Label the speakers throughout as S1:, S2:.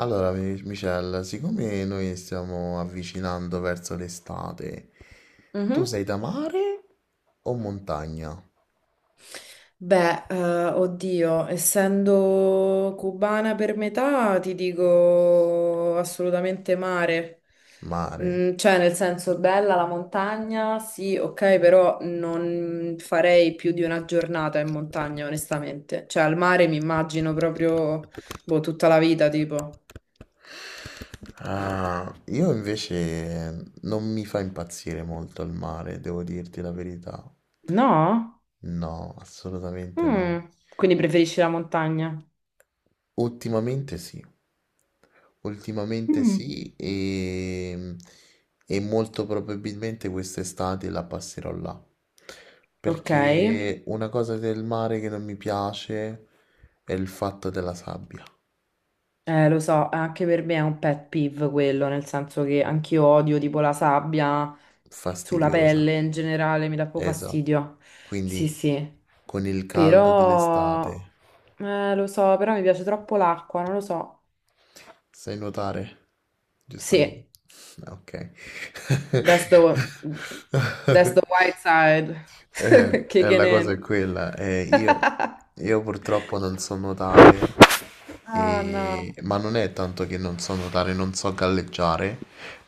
S1: Allora, Michelle, siccome noi stiamo avvicinando verso l'estate, tu
S2: Mhm.
S1: sei da mare o montagna?
S2: Beh, oddio, essendo cubana per metà, ti dico assolutamente mare.
S1: Mare.
S2: Mm, cioè, nel senso, bella la montagna, sì, ok, però non farei più di una giornata in montagna, onestamente. Cioè, al mare mi immagino proprio, boh, tutta la vita, tipo.
S1: Ah, io invece non mi fa impazzire molto il mare, devo dirti la verità.
S2: No?
S1: No, assolutamente
S2: Mm.
S1: no.
S2: Quindi preferisci la montagna?
S1: Ultimamente sì, ultimamente
S2: Mm.
S1: sì e molto probabilmente quest'estate la passerò là.
S2: Ok.
S1: Perché una cosa del mare che non mi piace è il fatto della sabbia,
S2: Lo so, anche per me è un pet peeve quello, nel senso che anch'io odio tipo la sabbia sulla
S1: fastidiosa,
S2: pelle in generale, mi dà proprio
S1: esatto.
S2: fastidio. Sì,
S1: Quindi
S2: sì,
S1: con il caldo dell'estate.
S2: però lo so, però mi piace troppo l'acqua, non lo so.
S1: Sai nuotare, giustamente.
S2: Sì,
S1: Ah, ok.
S2: that's the, that's the white side.
S1: Eh,
S2: Kicking
S1: la cosa è
S2: in.
S1: quella, io purtroppo non so nuotare,
S2: Ah no,
S1: ma non è tanto che non so nuotare, non so galleggiare,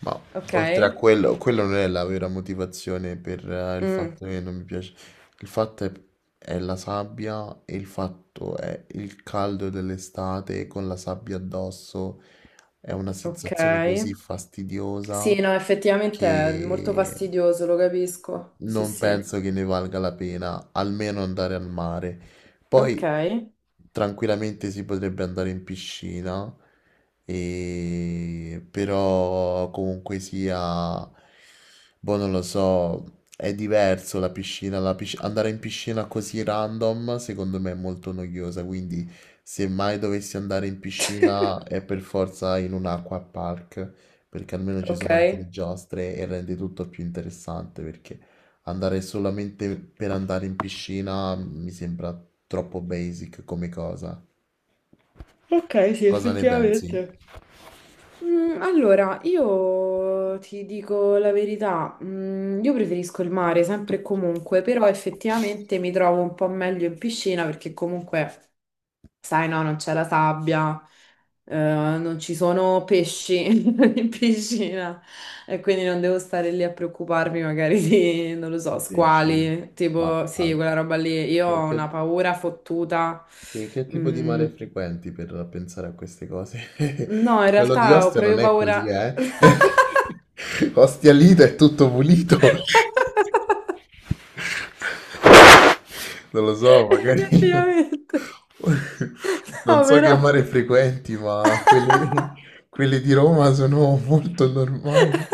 S1: ma
S2: ok.
S1: oltre a quello, quello non è la vera motivazione per il
S2: Mm,
S1: fatto che non mi piace. Il fatto è, è la sabbia e il fatto è il caldo dell'estate con la sabbia addosso. È una
S2: ok.
S1: sensazione così
S2: Sì,
S1: fastidiosa
S2: no, effettivamente è molto
S1: che
S2: fastidioso, lo capisco. Sì,
S1: non
S2: sì.
S1: penso che ne valga la pena, almeno andare al mare.
S2: Ok,
S1: Poi tranquillamente si potrebbe andare in piscina, però comunque sia, boh, non lo so, è diverso la piscina, andare in piscina così random secondo me è molto noiosa, quindi se mai dovessi andare in piscina è per forza in un acqua park perché almeno ci
S2: ok.
S1: sono anche le giostre e rende tutto più interessante perché andare solamente per andare in piscina mi sembra troppo basic come cosa.
S2: Ok, sì,
S1: Cosa ne pensi?
S2: effettivamente. Mm, allora, io ti dico la verità, mm, io preferisco il mare sempre e comunque, però effettivamente mi trovo un po' meglio in piscina perché comunque sai, no, non c'è la sabbia, non ci sono pesci in piscina e quindi non devo stare lì a preoccuparmi magari di, non lo so,
S1: Pesci.
S2: squali,
S1: Ma
S2: tipo, sì,
S1: al-
S2: quella roba lì. Io
S1: in
S2: ho
S1: che,
S2: una paura fottuta.
S1: che tipo di
S2: Mm,
S1: mare frequenti per pensare a queste cose?
S2: no, in
S1: Quello di
S2: realtà ho
S1: Ostia non
S2: proprio
S1: è così,
S2: paura.
S1: eh? Ostia Lido è tutto pulito. Non lo so, magari
S2: Effettivamente.
S1: non
S2: No,
S1: so che
S2: però.
S1: mare frequenti, quelli di Roma sono molto normali.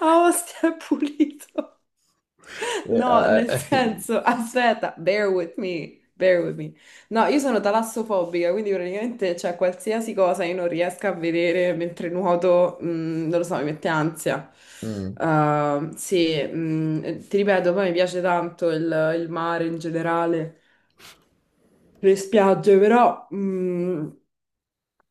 S2: Ah, Ostia è pulito.
S1: Eh,
S2: No,
S1: eh,
S2: nel
S1: eh.
S2: senso, aspetta, bear with me, bear with me. No, io sono talassofobica, quindi praticamente c'è qualsiasi cosa io non riesco a vedere mentre nuoto, mm, non lo so, mi mette ansia.
S1: Mm.
S2: Sì, mm, ti ripeto, poi mi piace tanto il mare in generale, le spiagge, però mm,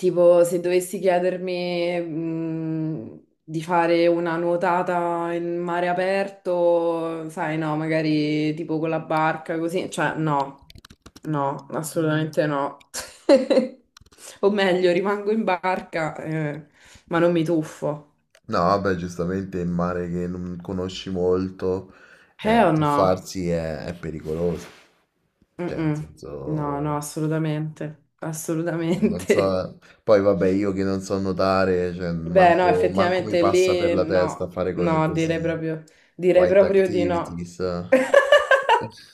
S2: tipo, se dovessi chiedermi, di fare una nuotata in mare aperto, sai, no, magari tipo con la barca, così, cioè, no, no, assolutamente no. O meglio, rimango in barca, ma non mi tuffo.
S1: No, vabbè, giustamente il mare che non conosci molto,
S2: O no?
S1: tuffarsi è pericoloso. Cioè, nel
S2: Mm-mm. No,
S1: senso...
S2: no, assolutamente,
S1: Non
S2: assolutamente.
S1: so, poi vabbè, io che non so nuotare, cioè,
S2: Beh, no,
S1: manco mi
S2: effettivamente
S1: passa per
S2: lì
S1: la testa
S2: no,
S1: fare cose
S2: no,
S1: così,
S2: direi
S1: white
S2: proprio di no.
S1: activities.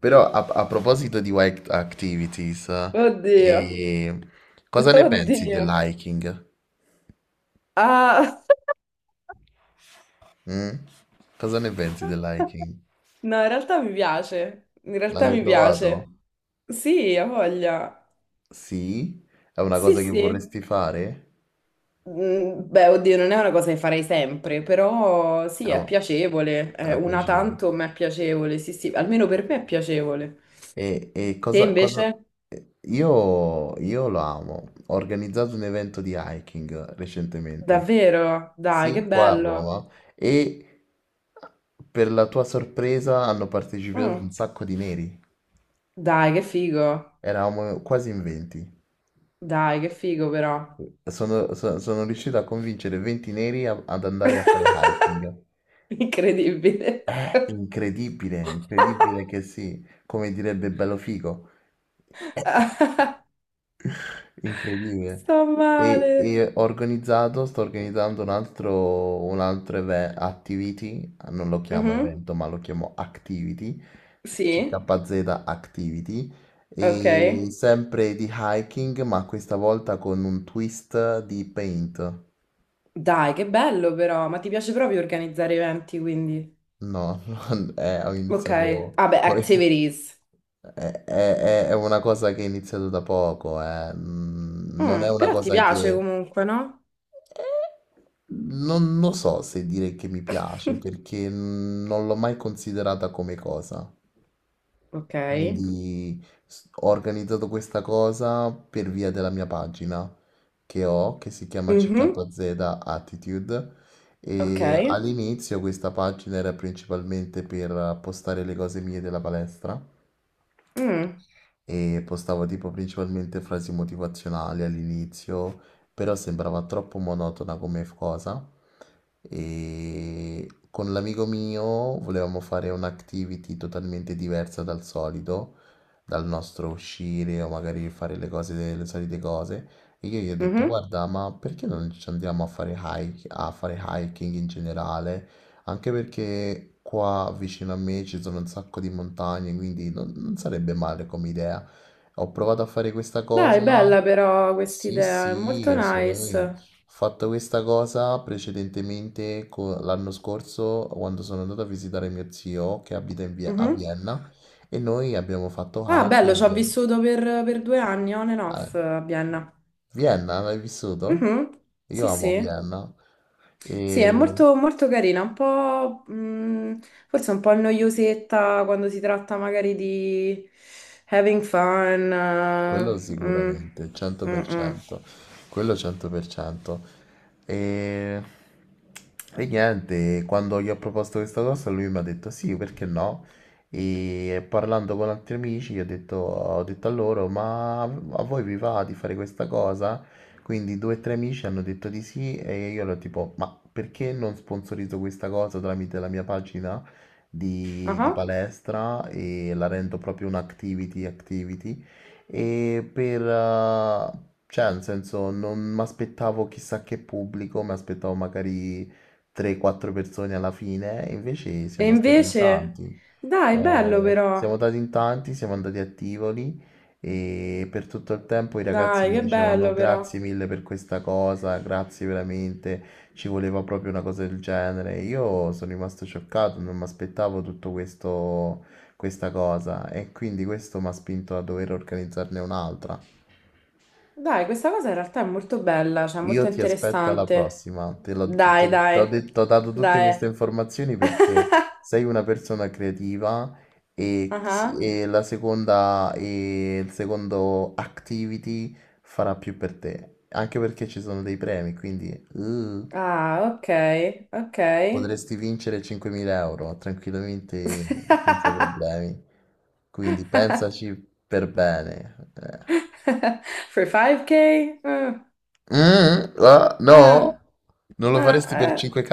S1: Però a proposito di white activities,
S2: Oddio,
S1: eh, cosa ne pensi
S2: oddio.
S1: dell'hiking?
S2: Ah.
S1: Mm? Cosa ne pensi dell'hiking?
S2: No, in realtà mi piace, in
S1: L'hai
S2: realtà
S1: mai
S2: mi
S1: provato?
S2: piace. Sì, ha voglia.
S1: Sì? È una
S2: Sì,
S1: cosa che
S2: sì.
S1: vorresti fare?
S2: Mm, beh, oddio, non è una cosa che farei sempre, però
S1: È,
S2: sì, è
S1: un-
S2: piacevole. È
S1: è
S2: una
S1: piacevole.
S2: tanto, ma è piacevole. Sì, sì, almeno per me è piacevole.
S1: E, e
S2: Te
S1: cosa, cosa...
S2: invece?
S1: io lo amo. Ho organizzato un evento di hiking recentemente.
S2: Davvero? Dai, che
S1: Sì, qua a
S2: bello.
S1: Roma. E per la tua sorpresa hanno partecipato un
S2: Mm.
S1: sacco di neri.
S2: Dai, che figo.
S1: Eravamo quasi in 20.
S2: Dai, che figo però.
S1: Sono riuscito a convincere 20 neri ad andare a fare hiking.
S2: Incredibile.
S1: È incredibile, incredibile che sì. Come direbbe Bello Figo. Incredibile.
S2: Sto
S1: E,
S2: male.
S1: e ho organizzato, sto organizzando un altro, activity, non lo chiamo
S2: Mhm.
S1: evento, ma lo chiamo activity,
S2: Sì,
S1: CKZ Activity,
S2: ok.
S1: e sempre di hiking, ma questa volta con un twist di paint.
S2: Dai, che bello però. Ma ti piace proprio organizzare eventi, quindi.
S1: No, ho
S2: Ok.
S1: iniziato,
S2: Ah beh,
S1: ho in-
S2: activities.
S1: è una cosa che è iniziato da poco, non è
S2: Mm,
S1: una
S2: però ti
S1: cosa
S2: piace
S1: che...
S2: comunque, no?
S1: Non lo so se dire che mi piace perché non l'ho mai considerata come cosa.
S2: Ok.
S1: Quindi ho organizzato questa cosa per via della mia pagina che ho, che si chiama
S2: Mhm.
S1: CKZ Attitude.
S2: Ok.
S1: E all'inizio questa pagina era principalmente per postare le cose mie della palestra
S2: Mm.
S1: e postavo tipo principalmente frasi motivazionali all'inizio, però sembrava troppo monotona come cosa. E con l'amico mio volevamo fare un'activity totalmente diversa dal solito, dal nostro uscire o magari fare le cose delle solite cose. E io gli ho detto,
S2: Mhm.
S1: guarda, ma perché non ci andiamo a fare hike, a fare hiking in generale? Anche perché qua vicino a me ci sono un sacco di montagne, quindi non sarebbe male come idea. Ho provato a fare questa
S2: Dai,
S1: cosa.
S2: bella però questa
S1: Sì,
S2: idea, è
S1: sì,
S2: molto
S1: assolutamente.
S2: nice.
S1: Ho fatto questa cosa precedentemente l'anno scorso quando sono andato a visitare mio zio che abita a
S2: Mhm.
S1: Vienna e noi abbiamo fatto
S2: Ah, bello, ci ho
S1: hiking.
S2: vissuto per due anni, on and
S1: A
S2: off, a Vienna.
S1: Vienna, l'hai vissuto?
S2: Mhm.
S1: Io
S2: Sì,
S1: amo
S2: sì.
S1: Vienna.
S2: Sì, è
S1: E...
S2: molto, molto carina, un po', forse un po' noiosetta quando si tratta magari di having fun.
S1: Quello
S2: Eh, mm,
S1: sicuramente,
S2: mm, mm.
S1: 100%, quello 100%. E... e niente, quando gli ho proposto questa cosa lui mi ha detto sì, perché no? E parlando con altri amici gli ho detto a loro, ma a voi vi va di fare questa cosa? Quindi due o tre amici hanno detto di sì e io ero tipo, ma perché non sponsorizzo questa cosa tramite la mia pagina di
S2: Ah.
S1: palestra e la rendo proprio un activity activity? e per... eh, cioè, nel senso, non mi aspettavo chissà che pubblico, mi aspettavo magari 3-4 persone alla fine, e invece
S2: E
S1: siamo stati in
S2: invece,
S1: tanti.
S2: dai, bello però,
S1: Siamo andati in tanti, siamo andati a Tivoli e per tutto il tempo i ragazzi
S2: dai,
S1: mi
S2: che
S1: dicevano
S2: bello
S1: "No,
S2: però.
S1: grazie mille per questa cosa, grazie veramente, ci voleva proprio una cosa del genere. Io sono rimasto scioccato, non mi aspettavo tutto questo, questa cosa e quindi questo mi ha spinto a dover organizzarne un'altra.
S2: Dai, questa cosa in realtà è molto bella, cioè molto
S1: Io ti aspetto alla
S2: interessante.
S1: prossima. Te l'ho t- t-
S2: Dai,
S1: t'ho
S2: dai,
S1: detto- t'ho dato tutte
S2: dai.
S1: queste informazioni perché sei una persona creativa e,
S2: Ah,
S1: e la seconda e il secondo activity farà più per te. Anche perché ci sono dei premi, quindi uh,
S2: ah, ok, ok.
S1: potresti vincere 5.000 euro tranquillamente senza problemi. Quindi pensaci per bene.
S2: For 5K? Mm,
S1: No,
S2: ah,
S1: non lo
S2: ah,
S1: faresti per
S2: ah, eh.
S1: 5K.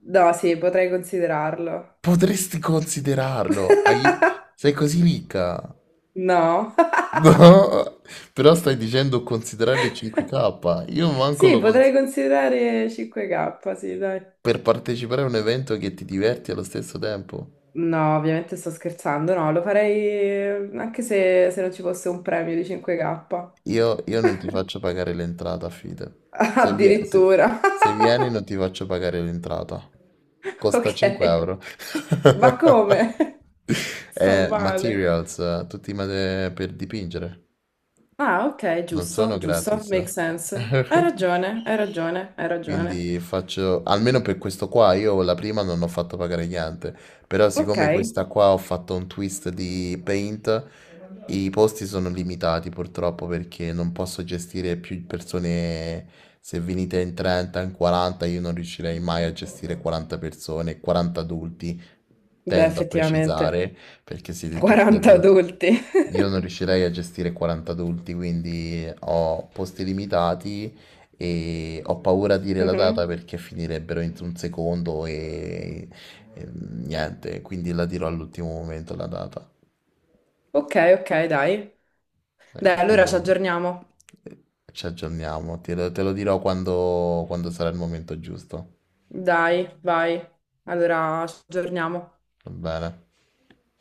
S2: No, sì, potrei considerarlo.
S1: Potresti considerarlo. Sei così ricca.
S2: No,
S1: No, però stai dicendo considerare il 5K. Io manco
S2: sì,
S1: lo cons-
S2: potrei considerare 5K, sì, dai.
S1: per partecipare a un evento che ti diverti allo stesso tempo.
S2: No, ovviamente sto scherzando, no, lo farei mm, anche se, se non ci fosse un premio di 5K.
S1: Io non ti faccio pagare l'entrata, fide.
S2: Addirittura.
S1: Se vieni non ti faccio pagare l'entrata. Costa
S2: Ok,
S1: 5 euro.
S2: ma come? Sto male.
S1: Materials, per dipingere.
S2: Ah, ok,
S1: Non sono
S2: giusto, giusto,
S1: gratis.
S2: make sense. Hai ragione, hai ragione, hai ragione.
S1: Quindi faccio, almeno per questo qua, io la prima non ho fatto pagare gli ante, però
S2: Ok,
S1: siccome questa qua ho fatto un twist di Paint, i posti sono limitati purtroppo perché non posso gestire più persone, se venite in 30, in 40, io non riuscirei mai a gestire 40 persone, 40 adulti,
S2: beh,
S1: tendo a
S2: effettivamente,
S1: precisare perché siete tutti
S2: 40
S1: adulti.
S2: adulti.
S1: Io non riuscirei a gestire 40 adulti, quindi ho posti limitati e ho paura a dire la data
S2: Mhm.
S1: perché finirebbero entro un secondo e niente, quindi la dirò all'ultimo momento la data.
S2: Ok, ok, dai. Dai,
S1: Eh,
S2: allora ci
S1: Quindi
S2: aggiorniamo.
S1: eh, ci aggiorniamo, te lo dirò quando sarà il momento giusto.
S2: Dai, vai. Allora ci aggiorniamo.
S1: Va bene.